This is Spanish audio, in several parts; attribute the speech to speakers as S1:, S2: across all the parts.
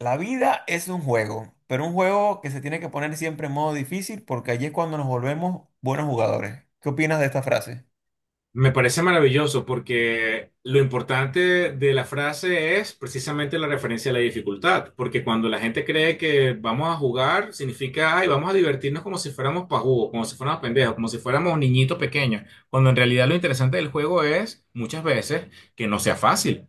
S1: La vida es un juego, pero un juego que se tiene que poner siempre en modo difícil porque allí es cuando nos volvemos buenos jugadores. ¿Qué opinas de esta frase?
S2: Me parece maravilloso porque lo importante de la frase es precisamente la referencia a la dificultad, porque cuando la gente cree que vamos a jugar, significa, ay, vamos a divertirnos como si fuéramos pajugos, como si fuéramos pendejos, como si fuéramos niñitos pequeños, cuando en realidad lo interesante del juego es, muchas veces, que no sea fácil.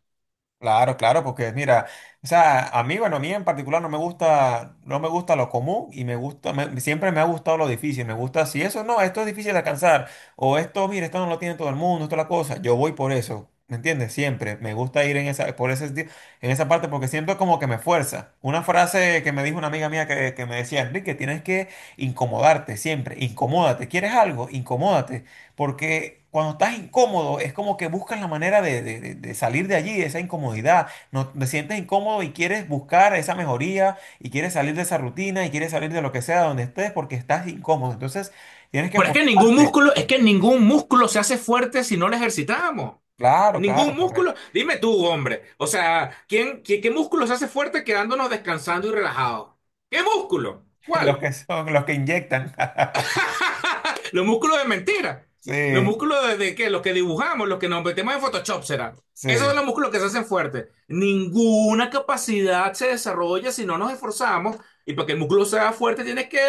S1: Claro, claro, porque mira, o sea, a mí, bueno, a mí en particular no me gusta, no me gusta lo común y me gusta, siempre me ha gustado lo difícil, me gusta, si eso no, esto es difícil de alcanzar, o esto, mira, esto no lo tiene todo el mundo, esto es la cosa, yo voy por eso, ¿me entiendes? Siempre, me gusta ir en esa, por ese, en esa parte porque siento como que me fuerza. Una frase que me dijo una amiga mía que me decía, Enrique, tienes que incomodarte siempre, incomódate, ¿quieres algo? Incomódate. Porque cuando estás incómodo, es como que buscas la manera de, de salir de allí, de esa incomodidad. No, te sientes incómodo y quieres buscar esa mejoría y quieres salir de esa rutina y quieres salir de lo que sea donde estés porque estás incómodo. Entonces, tienes que
S2: Pero es que ningún
S1: forzarte.
S2: músculo, es que ningún músculo se hace fuerte si no lo ejercitamos.
S1: Claro,
S2: Ningún
S1: claro,
S2: músculo.
S1: correcto.
S2: Dime tú, hombre. O sea, ¿quién, qué, qué músculo se hace fuerte quedándonos descansando y relajados? ¿Qué músculo?
S1: Los
S2: ¿Cuál?
S1: que son, los que inyectan.
S2: Los músculos de mentira. ¿Los
S1: Sí,
S2: músculos de qué? Los que dibujamos, los que nos metemos en Photoshop, será.
S1: sí,
S2: Esos son los músculos que se hacen fuertes. Ninguna capacidad se desarrolla si no nos esforzamos. Y para que el músculo sea fuerte, tienes que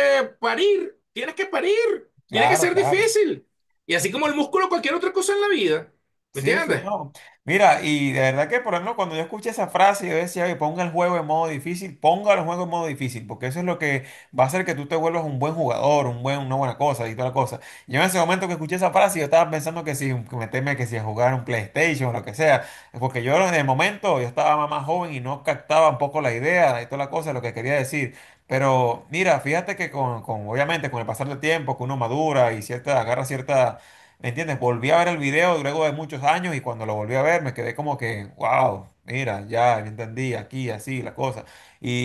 S2: parir. Tienes que parir. Tiene que
S1: claro,
S2: ser
S1: claro.
S2: difícil. Y así como el músculo, cualquier otra cosa en la vida. ¿Me
S1: Sí, sí,
S2: entiendes?
S1: no. Mira, y de verdad que, por ejemplo, cuando yo escuché esa frase, yo decía, oye, ponga el juego en modo difícil, ponga el juego en modo difícil, porque eso es lo que va a hacer que tú te vuelvas un buen jugador, un buen, una buena cosa y toda la cosa. Yo en ese momento que escuché esa frase, yo estaba pensando que si que meterme, que si a jugar un PlayStation o lo que sea, porque yo en el momento, yo estaba más joven y no captaba un poco la idea y toda la cosa, lo que quería decir. Pero mira, fíjate que con obviamente con el pasar del tiempo, que uno madura y cierta, agarra cierta ¿me entiendes? Volví a ver el video luego de muchos años y cuando lo volví a ver me quedé como que, wow, mira, ya entendí aquí, así, la cosa.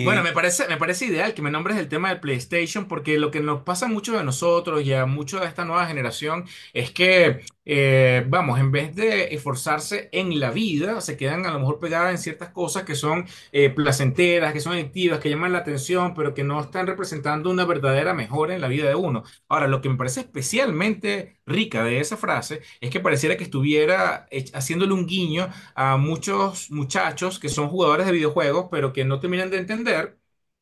S2: Bueno, me parece ideal que me nombres el tema del PlayStation, porque lo que nos pasa a muchos de nosotros y a muchos de esta nueva generación es que, vamos, en vez de esforzarse en la vida, se quedan a lo mejor pegadas en ciertas cosas que son placenteras, que son adictivas, que llaman la atención, pero que no están representando una verdadera mejora en la vida de uno. Ahora, lo que me parece especialmente rica de esa frase es que pareciera que estuviera haciéndole un guiño a muchos muchachos que son jugadores de videojuegos, pero que no terminan de entender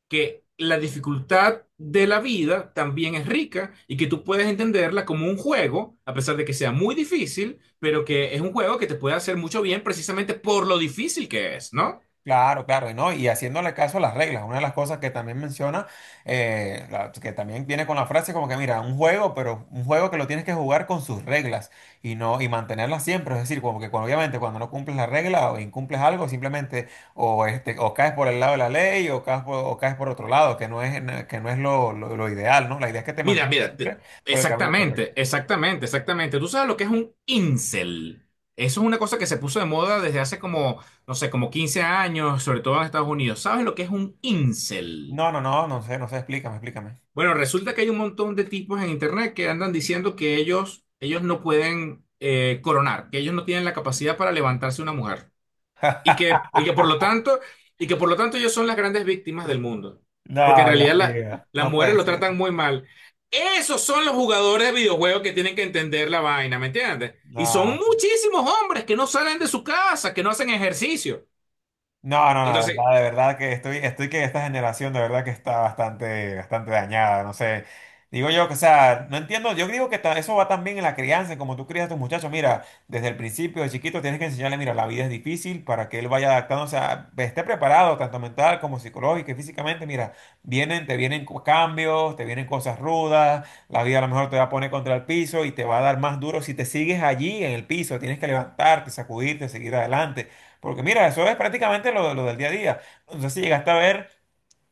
S2: que la dificultad de la vida también es rica y que tú puedes entenderla como un juego, a pesar de que sea muy difícil, pero que es un juego que te puede hacer mucho bien precisamente por lo difícil que es, ¿no?
S1: claro, claro, y ¿no? Y haciéndole caso a las reglas, una de las cosas que también menciona, que también viene con la frase como que, mira, un juego, pero un juego que lo tienes que jugar con sus reglas y no, y mantenerlas siempre, es decir, como que cuando- obviamente cuando no cumples la regla o incumples algo, simplemente o, este, o caes por el lado de la ley o caes por otro lado, que no es lo, lo ideal, ¿no? La idea es que te
S2: Mira,
S1: mantengas
S2: mira,
S1: siempre por el camino correcto.
S2: exactamente, exactamente, exactamente. ¿Tú sabes lo que es un incel? Eso es una cosa que se puso de moda desde hace como, no sé, como 15 años, sobre todo en Estados Unidos. ¿Sabes lo que es un incel?
S1: No, no, no, no sé, no sé, explícame, explícame.
S2: Bueno, resulta que hay un montón de tipos en internet que andan diciendo que ellos no pueden coronar, que ellos no tienen la capacidad para levantarse una mujer. Y que por lo tanto, y que por lo tanto ellos son las grandes víctimas del mundo. Porque en
S1: No,
S2: realidad
S1: Dios mío,
S2: las
S1: no
S2: mujeres
S1: puede
S2: lo
S1: ser.
S2: tratan muy mal. Esos son los jugadores de videojuegos que tienen que entender la vaina, ¿me entiendes? Y son
S1: No.
S2: muchísimos hombres que no salen de su casa, que no hacen ejercicio.
S1: No, no, no,
S2: Entonces,
S1: de verdad que estoy, estoy que esta generación de verdad que está bastante, bastante dañada, no sé. Digo yo que, o sea, no entiendo, yo digo que eso va también en la crianza, como tú crías a tus muchachos. Mira, desde el principio, de chiquito, tienes que enseñarle, mira, la vida es difícil para que él vaya adaptándose, o esté preparado, tanto mental como psicológico y físicamente. Mira, vienen, te vienen cambios, te vienen cosas rudas, la vida a lo mejor te va a poner contra el piso y te va a dar más duro si te sigues allí en el piso. Tienes que levantarte, sacudirte, seguir adelante. Porque mira, eso es prácticamente lo del día a día. No sé si llegaste a ver,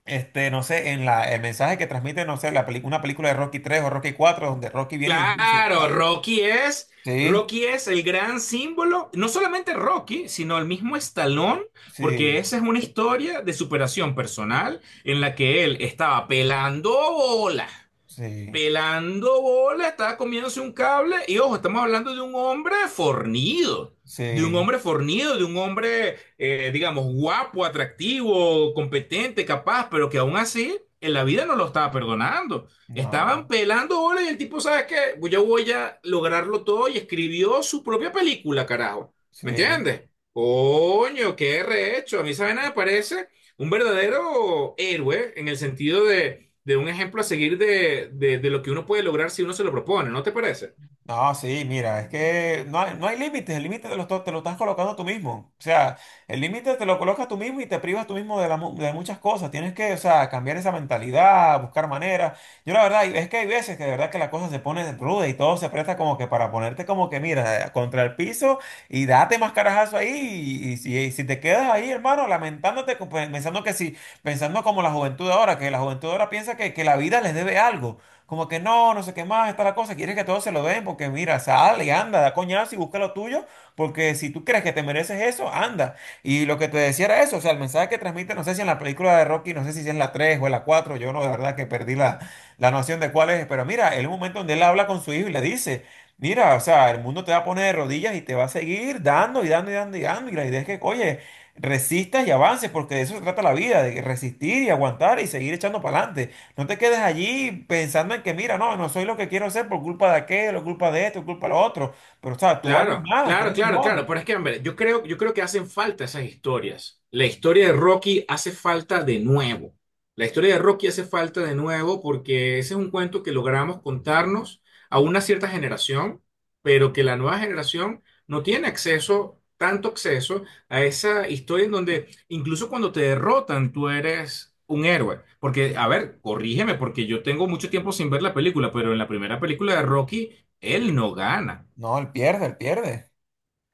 S1: este, no sé, en la, el mensaje que transmite, no sé, una película de Rocky 3 o Rocky 4 donde Rocky viene y le dice,
S2: claro,
S1: ah, sí,
S2: Rocky es el gran símbolo, no solamente Rocky, sino el mismo Stallone, porque
S1: sí,
S2: esa es una historia de superación personal en la que él estaba pelando bola
S1: sí,
S2: pelando bola, estaba comiéndose un cable y ojo, estamos hablando de un hombre fornido, de un
S1: sí,
S2: hombre fornido, de un hombre, digamos, guapo, atractivo, competente, capaz, pero que aún así en la vida no lo estaba perdonando.
S1: no,
S2: Estaban pelando bola y el tipo, ¿sabes qué? Yo voy a lograrlo todo y escribió su propia película, carajo. ¿Me
S1: sí.
S2: entiendes? Coño, qué rehecho. A mí, ¿saben? Me parece un verdadero héroe en el sentido de un ejemplo a seguir de lo que uno puede lograr si uno se lo propone, ¿no te parece?
S1: No, sí, mira, es que no hay, no hay límites, el límite te lo, te lo estás colocando tú mismo. O sea, el límite te lo colocas tú mismo y te privas tú mismo de, de muchas cosas. Tienes que, o sea, cambiar esa mentalidad, buscar maneras. Yo la verdad, es que hay veces que de verdad que la cosa se pone ruda y todo se presta como que para ponerte como que, mira, contra el piso y date más carajazo ahí. Si y si te quedas ahí, hermano, lamentándote, pensando que si, pensando como la juventud de ahora, que la juventud de ahora piensa que la vida les debe algo como que no, no sé qué más, está la cosa, quieres que todos se lo den, porque mira, sale, anda, da coñazo y busca lo tuyo, porque si tú crees que te mereces eso, anda. Y lo que te decía era eso, o sea, el mensaje que transmite, no sé si en la película de Rocky, no sé si es en la 3 o en la 4 yo no, de verdad que perdí la, la noción de cuál es, pero mira, el momento donde él habla con su hijo y le dice, mira, o sea, el mundo te va a poner de rodillas y te va a seguir dando y dando y dando y dando, y la idea es que, oye, resistas y avances, porque de eso se trata la vida, de resistir y aguantar y seguir echando para adelante. No te quedes allí pensando en que, mira, no, no soy lo que quiero ser por culpa de aquello, culpa de esto, culpa de lo otro. Pero, o sea, tú vales
S2: Claro,
S1: más, tú
S2: claro,
S1: eres
S2: claro, claro.
S1: mejor.
S2: Pero es que, hombre, yo creo que hacen falta esas historias. La historia de Rocky hace falta de nuevo. La historia de Rocky hace falta de nuevo porque ese es un cuento que logramos contarnos a una cierta generación, pero que la nueva generación no tiene acceso, tanto acceso a esa historia en donde incluso cuando te derrotan tú eres un héroe. Porque, a ver, corrígeme, porque yo tengo mucho tiempo sin ver la película, pero en la primera película de Rocky, él no gana.
S1: No, él pierde, él pierde.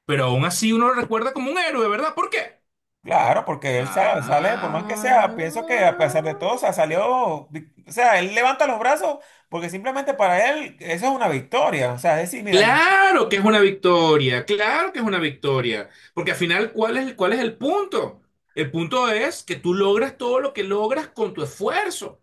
S2: Pero aún así uno lo recuerda como un héroe, ¿verdad? ¿Por qué?
S1: Claro, porque él sale, sale, por más que
S2: Ah,
S1: sea, pienso que a pesar de todo, o sea, salió, o sea, él levanta los brazos porque simplemente para él eso es una victoria. O sea, es decir, mira,
S2: claro que es una victoria, claro que es una victoria. Porque al final, ¿cuál es el punto? El punto es que tú logras todo lo que logras con tu esfuerzo.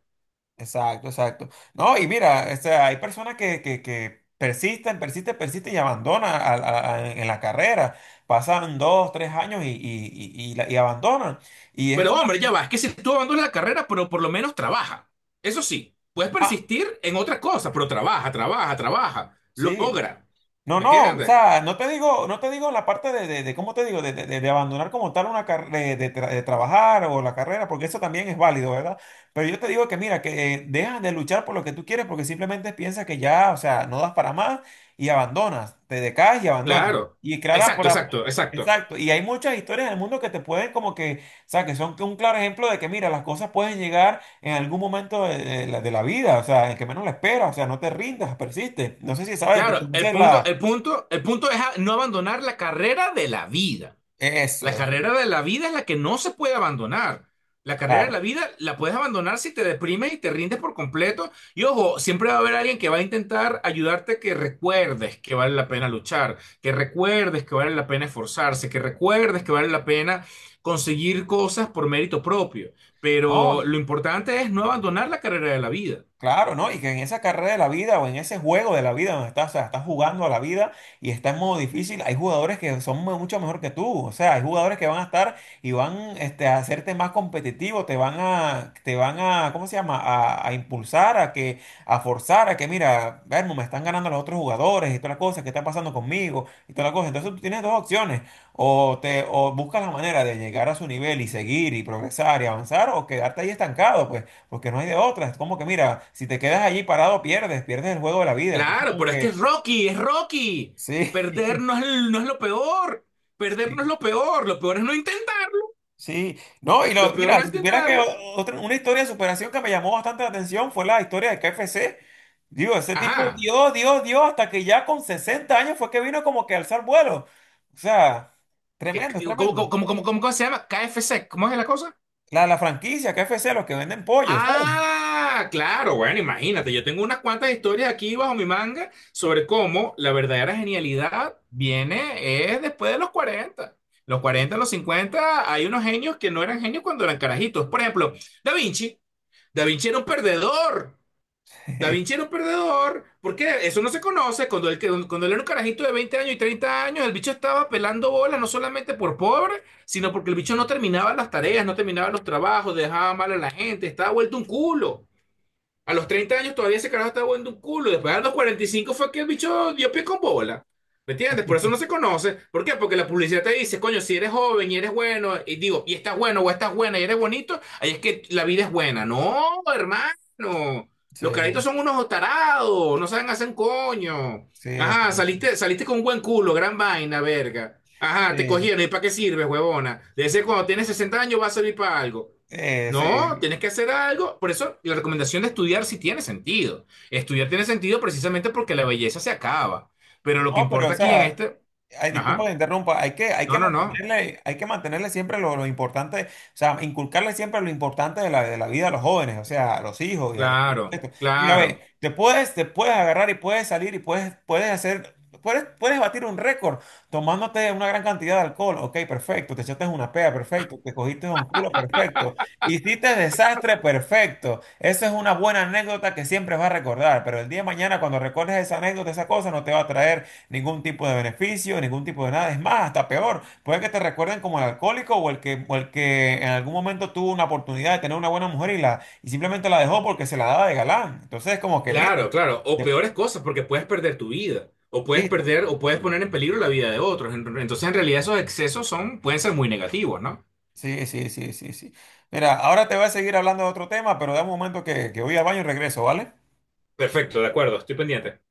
S1: exacto, exacto. No, y mira, o sea, hay personas que persisten, persisten, persisten y abandonan en la carrera. Pasan dos, tres años y, y y abandonan. Y es
S2: Pero
S1: como
S2: hombre,
S1: que,
S2: ya va, es que si tú abandonas la carrera, pero por lo menos trabaja. Eso sí, puedes
S1: ah,
S2: persistir en otra cosa, pero trabaja, trabaja, trabaja,
S1: sí,
S2: logra.
S1: no,
S2: ¿Me
S1: no, o
S2: entiendes?
S1: sea, no te digo, no te digo la parte de, ¿cómo te digo? De, de abandonar como tal una carrera, de, de trabajar o la carrera, porque eso también es válido, ¿verdad? Pero yo te digo que mira, que dejas de luchar por lo que tú quieres porque simplemente piensas que ya, o sea, no das para más y abandonas, te decaes y abandonas.
S2: Claro.
S1: Y claro,
S2: Exacto, exacto, exacto.
S1: exacto, y hay muchas historias en el mundo que te pueden como que, o sea, que son un claro ejemplo de que mira, las cosas pueden llegar en algún momento de la vida, o sea, en que menos la esperas, o sea, no te rindas, persiste. No sé si sabes,
S2: Claro, el
S1: conoces
S2: punto, el
S1: la...
S2: punto, el punto es no abandonar la carrera de la vida.
S1: Eso
S2: La
S1: es,
S2: carrera de la vida es la que no se puede abandonar. La carrera de la
S1: claro.
S2: vida la puedes abandonar si te deprimes y te rindes por completo. Y ojo, siempre va a haber alguien que va a intentar ayudarte a que recuerdes que vale la pena luchar, que recuerdes que vale la pena esforzarse, que recuerdes que vale la pena conseguir cosas por mérito propio.
S1: ¿No?
S2: Pero lo importante es no abandonar la carrera de la vida.
S1: Claro, ¿no? Y que en esa carrera de la vida o en ese juego de la vida donde estás, o sea, estás jugando a la vida y está en modo difícil, hay jugadores que son mucho mejor que tú. O sea, hay jugadores que van a estar y van este, a hacerte más competitivo, te van a, ¿cómo se llama? A impulsar, a que, a forzar, a que, mira, Vermo, me están ganando los otros jugadores y todas las cosas, ¿qué está pasando conmigo? Y todas las cosas. Entonces tú tienes dos opciones. O te, o buscas la manera de llegar a su nivel y seguir y progresar y avanzar, o quedarte ahí estancado, pues. Porque no hay de otra. Es como que, mira, si te quedas allí parado, pierdes, pierdes el juego de la vida. Entonces,
S2: Claro,
S1: como
S2: pero es que es
S1: que,
S2: Rocky, es Rocky.
S1: sí,
S2: Perder no es, no es lo peor. Perder
S1: sí,
S2: no es lo peor. Lo peor es no intentar.
S1: sí. No, y
S2: Lo
S1: lo,
S2: peor
S1: mira,
S2: no es
S1: si supieras que
S2: intentarlo.
S1: otra, una historia de superación que me llamó bastante la atención fue la historia de KFC. Digo, ese tipo
S2: Ajá.
S1: dio, dio, dio, hasta que ya con 60 años fue que vino como que a alzar vuelo. O sea,
S2: ¿Qué-
S1: tremendo, es
S2: qué- cómo,
S1: tremendo.
S2: cómo, cómo, cómo, cómo- se llama? KFC. ¿Cómo es la cosa?
S1: La franquicia KFC, los que venden pollos, ¿sabes?
S2: Ah, claro. Bueno, imagínate. Yo tengo unas cuantas historias aquí bajo mi manga sobre cómo la verdadera genialidad viene es después de los 40. Los 40, los 50, hay unos genios que no eran genios cuando eran carajitos. Por ejemplo, Da Vinci. Da Vinci era un perdedor. Da Vinci era un perdedor, porque eso no se conoce. Cuando él era un carajito de 20 años y 30 años, el bicho estaba pelando bolas, no solamente por pobre, sino porque el bicho no terminaba las tareas, no terminaba los trabajos, dejaba mal a la gente, estaba vuelto un culo. A los 30 años todavía ese carajo estaba jugando un culo. Después a los 45 fue que el bicho dio pie con bola. ¿Me entiendes? Por eso no se conoce. ¿Por qué? Porque la publicidad te dice, coño, si eres joven y eres bueno, y digo, y estás bueno o estás buena y eres bonito, ahí es que la vida es buena. No, hermano. Los carajitos son unos tarados, no saben hacer un coño.
S1: sí,
S2: Ajá,
S1: sí, sí,
S2: saliste con un buen culo, gran vaina, verga. Ajá, te
S1: sí,
S2: cogieron. ¿Y para qué sirve, huevona? De ser cuando tienes 60 años va a servir para algo.
S1: sí,
S2: No,
S1: sí.
S2: tienes que hacer algo. Por eso la recomendación de estudiar sí tiene sentido. Estudiar tiene sentido precisamente porque la belleza se acaba. Pero lo que
S1: No, pero o
S2: importa aquí en
S1: sea,
S2: este...
S1: ay, disculpa que
S2: Ajá.
S1: interrumpa,
S2: No, no, no.
S1: hay que mantenerle siempre lo importante, o sea, inculcarle siempre lo importante de la vida a los jóvenes, o sea, a los hijos y a los,
S2: Claro,
S1: mira, ve,
S2: claro,
S1: te puedes agarrar y puedes salir y puedes, puedes hacer, puedes, puedes batir un récord tomándote una gran cantidad de alcohol. Ok, perfecto. Te echaste una pea, perfecto. Te cogiste un culo, perfecto. Hiciste desastre, perfecto. Esa es una buena anécdota que siempre vas a recordar, pero el día de mañana cuando recuerdes esa anécdota, esa cosa, no te va a traer ningún tipo de beneficio, ningún tipo de nada. Es más, hasta peor. Puede que te recuerden como el alcohólico o el que en algún momento tuvo una oportunidad de tener una buena mujer y la y simplemente la dejó porque se la daba de galán. Entonces es como que, mira,
S2: claro, claro. O
S1: te-
S2: peores cosas porque puedes perder tu vida. O puedes
S1: listo.
S2: perder o puedes poner en peligro la vida de otros. Entonces, en realidad, esos excesos pueden ser muy negativos, ¿no?
S1: Sí, sí, sí, sí, sí. Mira, ahora te voy a seguir hablando de otro tema, pero da un momento que voy al baño y regreso, ¿vale?
S2: Perfecto, de acuerdo, estoy pendiente.